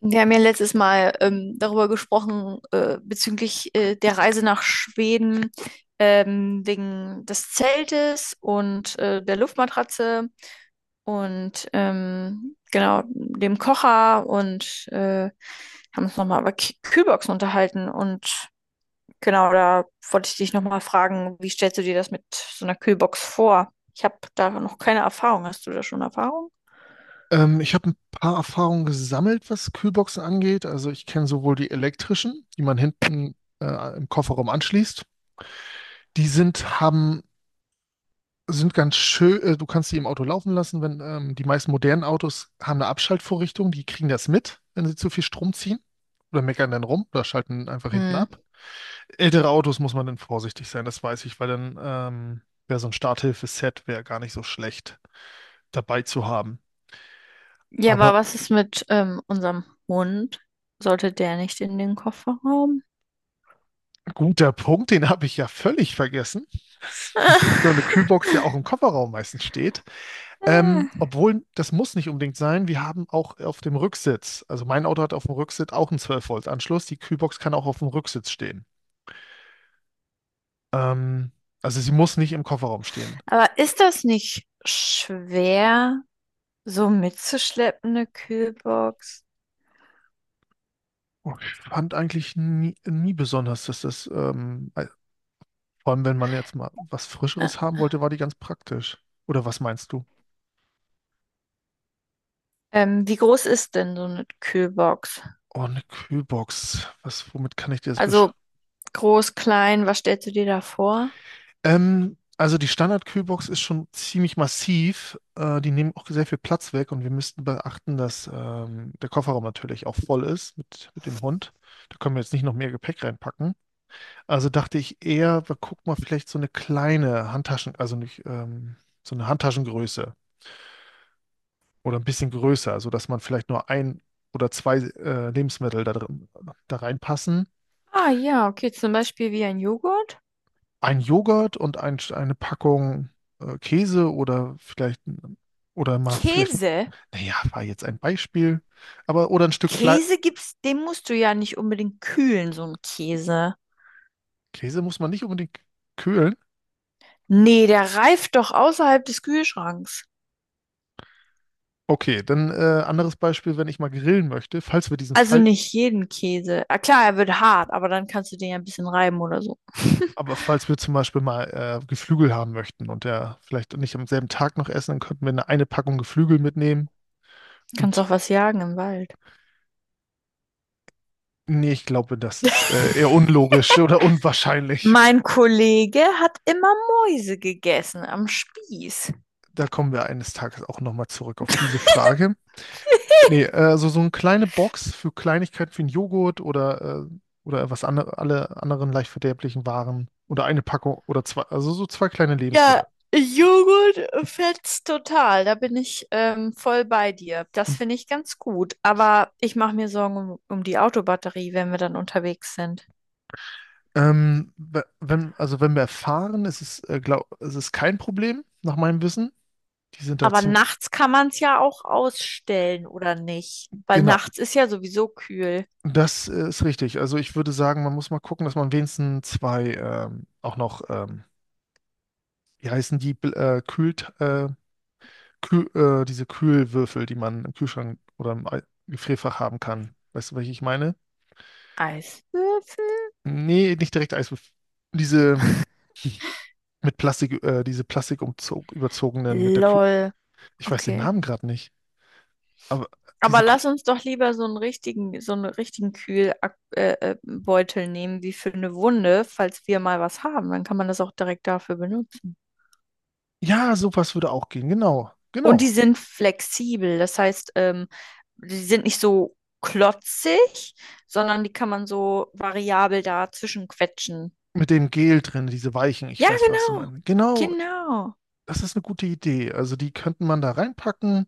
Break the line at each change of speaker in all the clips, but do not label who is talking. Wir haben ja letztes Mal darüber gesprochen, bezüglich der Reise nach Schweden, wegen des Zeltes und der Luftmatratze und genau dem Kocher und haben uns nochmal über K Kühlboxen unterhalten. Und genau, da wollte ich dich nochmal fragen, wie stellst du dir das mit so einer Kühlbox vor? Ich habe da noch keine Erfahrung. Hast du da schon Erfahrung?
Ich habe ein paar Erfahrungen gesammelt, was Kühlboxen angeht. Also ich kenne sowohl die elektrischen, die man hinten im Kofferraum anschließt. Die sind ganz schön, du kannst die im Auto laufen lassen, wenn die meisten modernen Autos haben eine Abschaltvorrichtung, die kriegen das mit, wenn sie zu viel Strom ziehen. Oder meckern dann rum oder schalten einfach hinten ab. Ältere Autos muss man dann vorsichtig sein, das weiß ich, weil dann wäre so ein Starthilfe-Set wäre gar nicht so schlecht dabei zu haben.
Ja, aber was ist mit unserem Hund? Sollte der nicht in den Kofferraum?
Guter Punkt, den habe ich ja völlig vergessen. Dass so eine Kühlbox ja auch im Kofferraum meistens steht. Obwohl, das muss nicht unbedingt sein. Wir haben auch auf dem Rücksitz, also mein Auto hat auf dem Rücksitz auch einen 12-Volt-Anschluss. Die Kühlbox kann auch auf dem Rücksitz stehen. Ähm, also sie muss nicht im Kofferraum stehen.
Aber ist das nicht schwer, so mitzuschleppen, eine Kühlbox?
Und ich fand eigentlich nie, nie besonders, dass das, vor allem wenn man jetzt mal was
Ä-
Frischeres haben wollte, war die ganz praktisch. Oder was meinst du?
wie groß ist denn so eine Kühlbox?
Oh, eine Kühlbox. Was, womit kann ich dir das besch
Also groß, klein, was stellst du dir da vor?
Also die Standard-Kühlbox ist schon ziemlich massiv. Die nehmen auch sehr viel Platz weg und wir müssten beachten, dass der Kofferraum natürlich auch voll ist mit dem Hund. Da können wir jetzt nicht noch mehr Gepäck reinpacken. Also dachte ich eher, wir gucken mal vielleicht so eine kleine Handtaschen, also nicht so eine Handtaschengröße oder ein bisschen größer, sodass man vielleicht nur ein oder zwei Lebensmittel da drin, da reinpassen
Ah ja, okay, zum Beispiel wie ein Joghurt.
ein Joghurt und eine Packung Käse oder vielleicht oder mal vielleicht,
Käse?
naja, war jetzt ein Beispiel, aber oder ein Stück Fleisch.
Käse gibt's, den musst du ja nicht unbedingt kühlen, so ein Käse.
Käse muss man nicht unbedingt kühlen.
Nee, der reift doch außerhalb des Kühlschranks.
Okay, dann anderes Beispiel, wenn ich mal grillen möchte, falls wir diesen
Also
Fall,
nicht jeden Käse. Ah, klar, er wird hart, aber dann kannst du den ja ein bisschen reiben oder so.
aber falls wir zum Beispiel mal Geflügel haben möchten und der vielleicht nicht am selben Tag noch essen, dann könnten wir eine Packung Geflügel mitnehmen.
Kannst
Und
auch was jagen im Wald.
nee, ich glaube, das ist eher unlogisch oder unwahrscheinlich.
Mein Kollege hat immer Mäuse gegessen am Spieß.
Da kommen wir eines Tages auch nochmal zurück auf diese Frage. Nee, also so eine kleine Box für Kleinigkeiten für einen Joghurt oder was andere, alle anderen leicht verderblichen Waren oder eine Packung oder zwei, also so zwei kleine
Ja,
Lebensmittel.
Joghurt fetzt total. Da bin ich voll bei dir. Das
Fünf.
finde ich ganz gut. Aber ich mache mir Sorgen um die Autobatterie, wenn wir dann unterwegs sind.
Wenn, also wenn wir fahren, ist es, glaub, es ist kein Problem, nach meinem Wissen. Die sind da
Aber
ziemlich,
nachts kann man es ja auch ausstellen, oder nicht? Weil
genau,
nachts ist ja sowieso kühl.
das ist richtig. Also ich würde sagen, man muss mal gucken, dass man wenigstens zwei auch noch, wie heißen die, Kühl, Kühl, diese Kühlwürfel, die man im Kühlschrank oder im Ei- Gefrierfach haben kann. Weißt du, welche ich meine?
Eiswürfel?
Nee, nicht direkt Eiswürfel. Diese mit Plastik, diese Plastik überzogenen mit der Kühl.
Lol,
Ich weiß den
okay.
Namen gerade nicht. Aber
Aber
diese Kü
lass uns doch lieber so einen richtigen Kühlbeutel Beutel nehmen, wie für eine Wunde, falls wir mal was haben. Dann kann man das auch direkt dafür benutzen.
Ja, sowas würde auch gehen. Genau,
Und die
genau.
sind flexibel, das heißt, die sind nicht so klotzig, sondern die kann man so variabel dazwischen quetschen.
Mit dem Gel drin, diese Weichen. Ich
Ja,
weiß, was du
genau.
meinst. Genau,
Genau.
das ist eine gute Idee. Also die könnte man da reinpacken.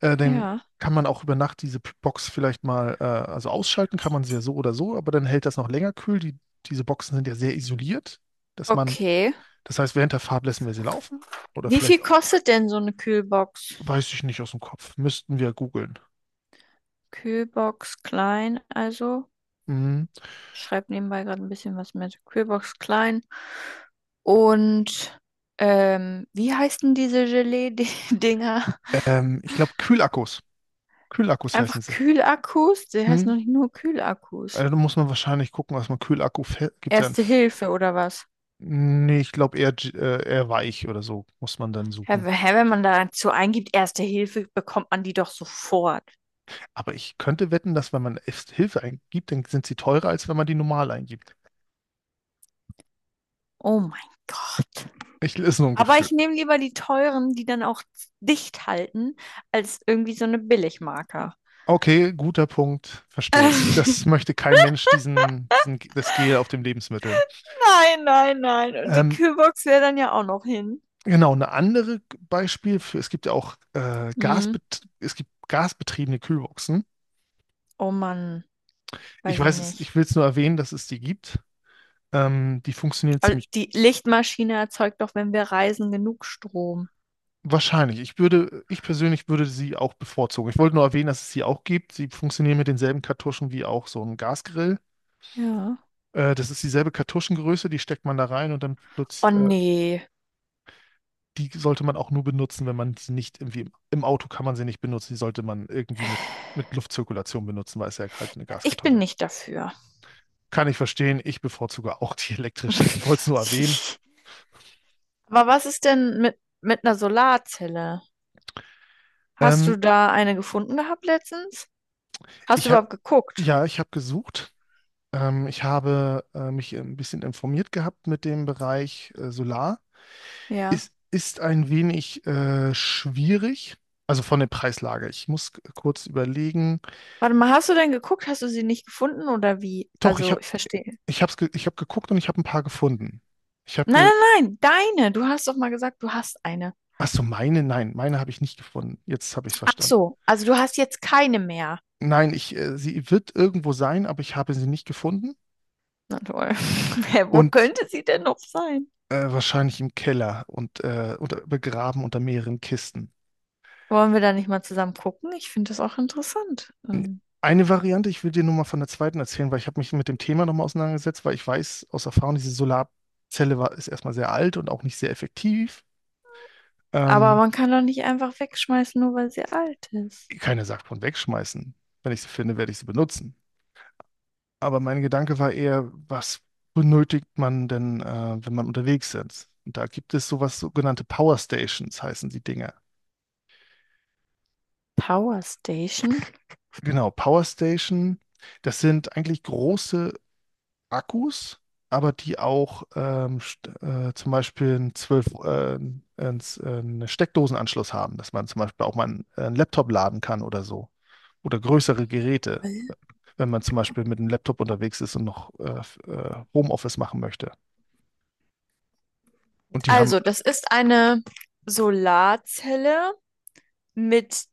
Dann
Ja.
kann man auch über Nacht diese P- Box vielleicht mal, also ausschalten kann man sie ja so oder so, aber dann hält das noch länger kühl. Die, diese Boxen sind ja sehr isoliert, dass man,
Okay.
das heißt, während der Fahrt lassen wir sie laufen oder
Wie
vielleicht,
viel kostet denn so eine Kühlbox?
weiß ich nicht aus dem Kopf, müssten wir googeln.
Kühlbox klein, also.
Mhm.
Ich schreibe nebenbei gerade ein bisschen was mit Kühlbox Klein. Und wie heißen diese Gelee-Dinger?
Ich glaube, Kühlakkus. Kühlakkus heißen
Einfach
sie.
Kühlakkus? Die heißen
Mhm.
doch nicht nur Kühlakkus.
Also, da muss man wahrscheinlich gucken, was man Kühlakku, gibt es ja ein,
Erste
F-
Hilfe oder was?
nee, ich glaube eher, eher weich oder so, muss man dann
Hä,
suchen.
hä, wenn man dazu eingibt, Erste Hilfe, bekommt man die doch sofort.
Aber ich könnte wetten, dass wenn man erst Hilfe eingibt, dann sind sie teurer, als wenn man die normal eingibt.
Oh mein Gott.
Ich ist nur ein
Aber
Gefühl.
ich nehme lieber die teuren, die dann auch dicht halten, als irgendwie so eine Billigmarke.
Okay, guter Punkt, verstehe ich. Das möchte kein Mensch, diesen, diesen, das Gel auf dem Lebensmittel.
Nein, nein, nein. Und die
Ähm,
Kühlbox wäre dann ja auch noch hin.
genau, ein anderes Beispiel für, es gibt ja auch
Hm.
Gasbet es gibt gasbetriebene Kühlboxen.
Oh Mann,
Ich
weiß ich
weiß, es,
nicht.
ich will es nur erwähnen, dass es die gibt. Die funktionieren
Aber
ziemlich
die Lichtmaschine erzeugt doch, wenn wir reisen, genug Strom.
wahrscheinlich. Ich würde, ich persönlich würde sie auch bevorzugen. Ich wollte nur erwähnen, dass es sie auch gibt. Sie funktionieren mit denselben Kartuschen wie auch so ein Gasgrill.
Ja.
Das ist dieselbe Kartuschengröße, die steckt man da rein und dann
Oh
plötzlich,
nee.
die sollte man auch nur benutzen, wenn man sie nicht irgendwie im Auto kann man sie nicht benutzen. Die sollte man irgendwie mit Luftzirkulation benutzen, weil es ja halt eine
Ja, ich bin
Gaskartusche.
nicht dafür.
Kann ich verstehen. Ich bevorzuge auch die elektrische. Ich wollte es nur erwähnen.
Aber was ist denn mit einer Solarzelle? Hast
Ähm,
du da eine gefunden gehabt letztens? Hast du
ich habe
überhaupt geguckt?
ja, Ich habe gesucht. Ich habe mich ein bisschen informiert gehabt mit dem Bereich Solar.
Ja.
Es ist ein wenig schwierig, also von der Preislage. Ich muss kurz überlegen.
Warte mal, hast du denn geguckt? Hast du sie nicht gefunden oder wie?
Doch,
Also, ich verstehe.
Ich hab geguckt und ich habe ein paar gefunden. Ich habe
Nein,
ge
nein, nein, deine. Du hast doch mal gesagt, du hast eine.
Ach so, meine, nein, meine habe ich nicht gefunden. Jetzt habe ich es
Ach
verstanden.
so, also du hast jetzt keine mehr.
Nein, sie wird irgendwo sein, aber ich habe sie nicht gefunden
Na toll. Hä, wo
und
könnte sie denn noch sein?
wahrscheinlich im Keller und unter, begraben unter mehreren Kisten.
Wollen wir da nicht mal zusammen gucken? Ich finde das auch interessant. Ähm,
Eine Variante, ich will dir nur mal von der zweiten erzählen, weil ich habe mich mit dem Thema nochmal auseinandergesetzt, weil ich weiß aus Erfahrung, diese Solarzelle war, ist erstmal sehr alt und auch nicht sehr effektiv.
aber
Ähm,
man kann doch nicht einfach wegschmeißen, nur weil sie alt ist.
Keiner sagt von wegschmeißen. Wenn ich sie finde, werde ich sie benutzen. Aber mein Gedanke war eher, was benötigt man denn, wenn man unterwegs ist? Und da gibt es sowas, sogenannte Power Stations heißen die Dinger.
Power Station?
Genau, Power Station, das sind eigentlich große Akkus, aber die auch zum Beispiel einen 12, einen einen Steckdosenanschluss haben, dass man zum Beispiel auch mal einen Laptop laden kann oder so. Oder größere Geräte, wenn man zum Beispiel mit einem Laptop unterwegs ist und noch Homeoffice machen möchte. Und die haben
Also, das ist eine Solarzelle, mit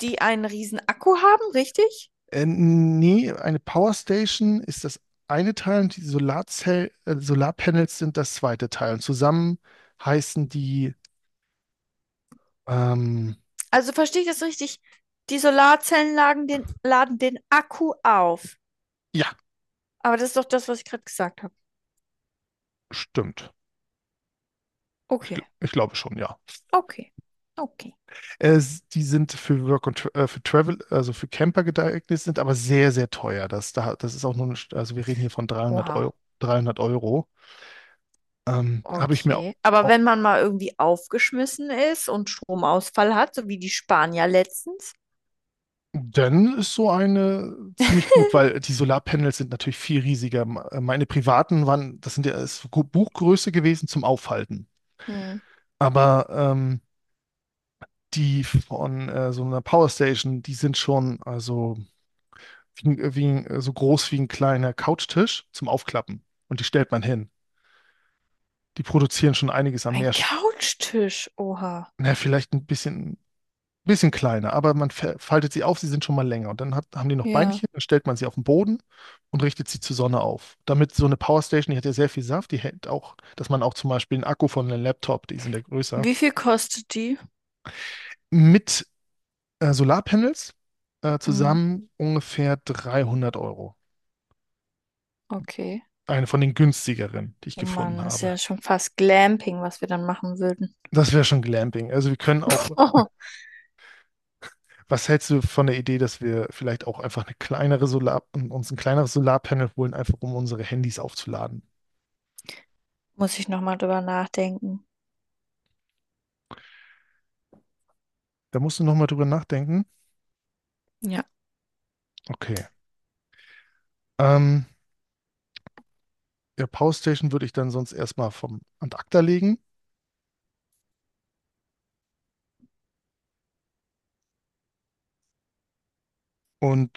die einen riesen Akku haben, richtig?
Nee, eine Powerstation ist das eine Teil und die Solarzell Solarpanels sind das zweite Teil. Und zusammen heißen die, ähm,
Also verstehe ich das richtig? Die Solarzellen laden den Akku auf.
ja,
Aber das ist doch das, was ich gerade gesagt habe.
stimmt.
Okay,
Ich glaube schon, ja.
okay, okay.
Die sind für Work und für Travel, also für Camper geeignet, sind aber sehr, sehr teuer. Das, da, das ist auch nur, eine, St- Also wir reden hier von 300
Oha.
Euro. 300 Euro. Habe ich mir au-
Okay. Aber
au-
wenn man mal irgendwie aufgeschmissen ist und Stromausfall hat, so wie die Spanier letztens.
Dann ist so eine ziemlich gut, weil die Solarpanels sind natürlich viel riesiger. Meine privaten waren, das sind ja ist Buchgröße gewesen zum Aufhalten.
Hm.
Aber die von so einer Powerstation, die sind schon, also so groß wie ein kleiner Couchtisch zum Aufklappen. Und die stellt man hin. Die produzieren schon einiges an
Ein
mehr,
Couchtisch. Oha.
na, vielleicht ein bisschen kleiner, aber man faltet sie auf, sie sind schon mal länger. Und dann haben die noch
Ja.
Beinchen, dann stellt man sie auf den Boden und richtet sie zur Sonne auf. Damit so eine Powerstation, die hat ja sehr viel Saft, die hält auch, dass man auch zum Beispiel einen Akku von einem Laptop, die sind ja größer,
Wie viel kostet die?
mit Solarpanels
Hm.
zusammen ungefähr 300 Euro.
Okay.
Eine von den günstigeren, die ich
Oh
gefunden
Mann, ist
habe.
ja schon fast Glamping, was wir dann machen würden.
Das wäre schon Glamping. Also wir können auch, was hältst du von der Idee, dass wir vielleicht auch einfach eine kleinere Solar, uns ein kleineres Solarpanel holen, einfach um unsere Handys aufzuladen?
Muss ich nochmal drüber nachdenken.
Da musst du nochmal drüber nachdenken.
Ja.
Okay. Ähm, ja, Power Station würde ich dann sonst erstmal vom Ad acta legen und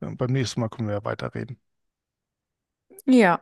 beim nächsten Mal können wir ja weiterreden.
Ja.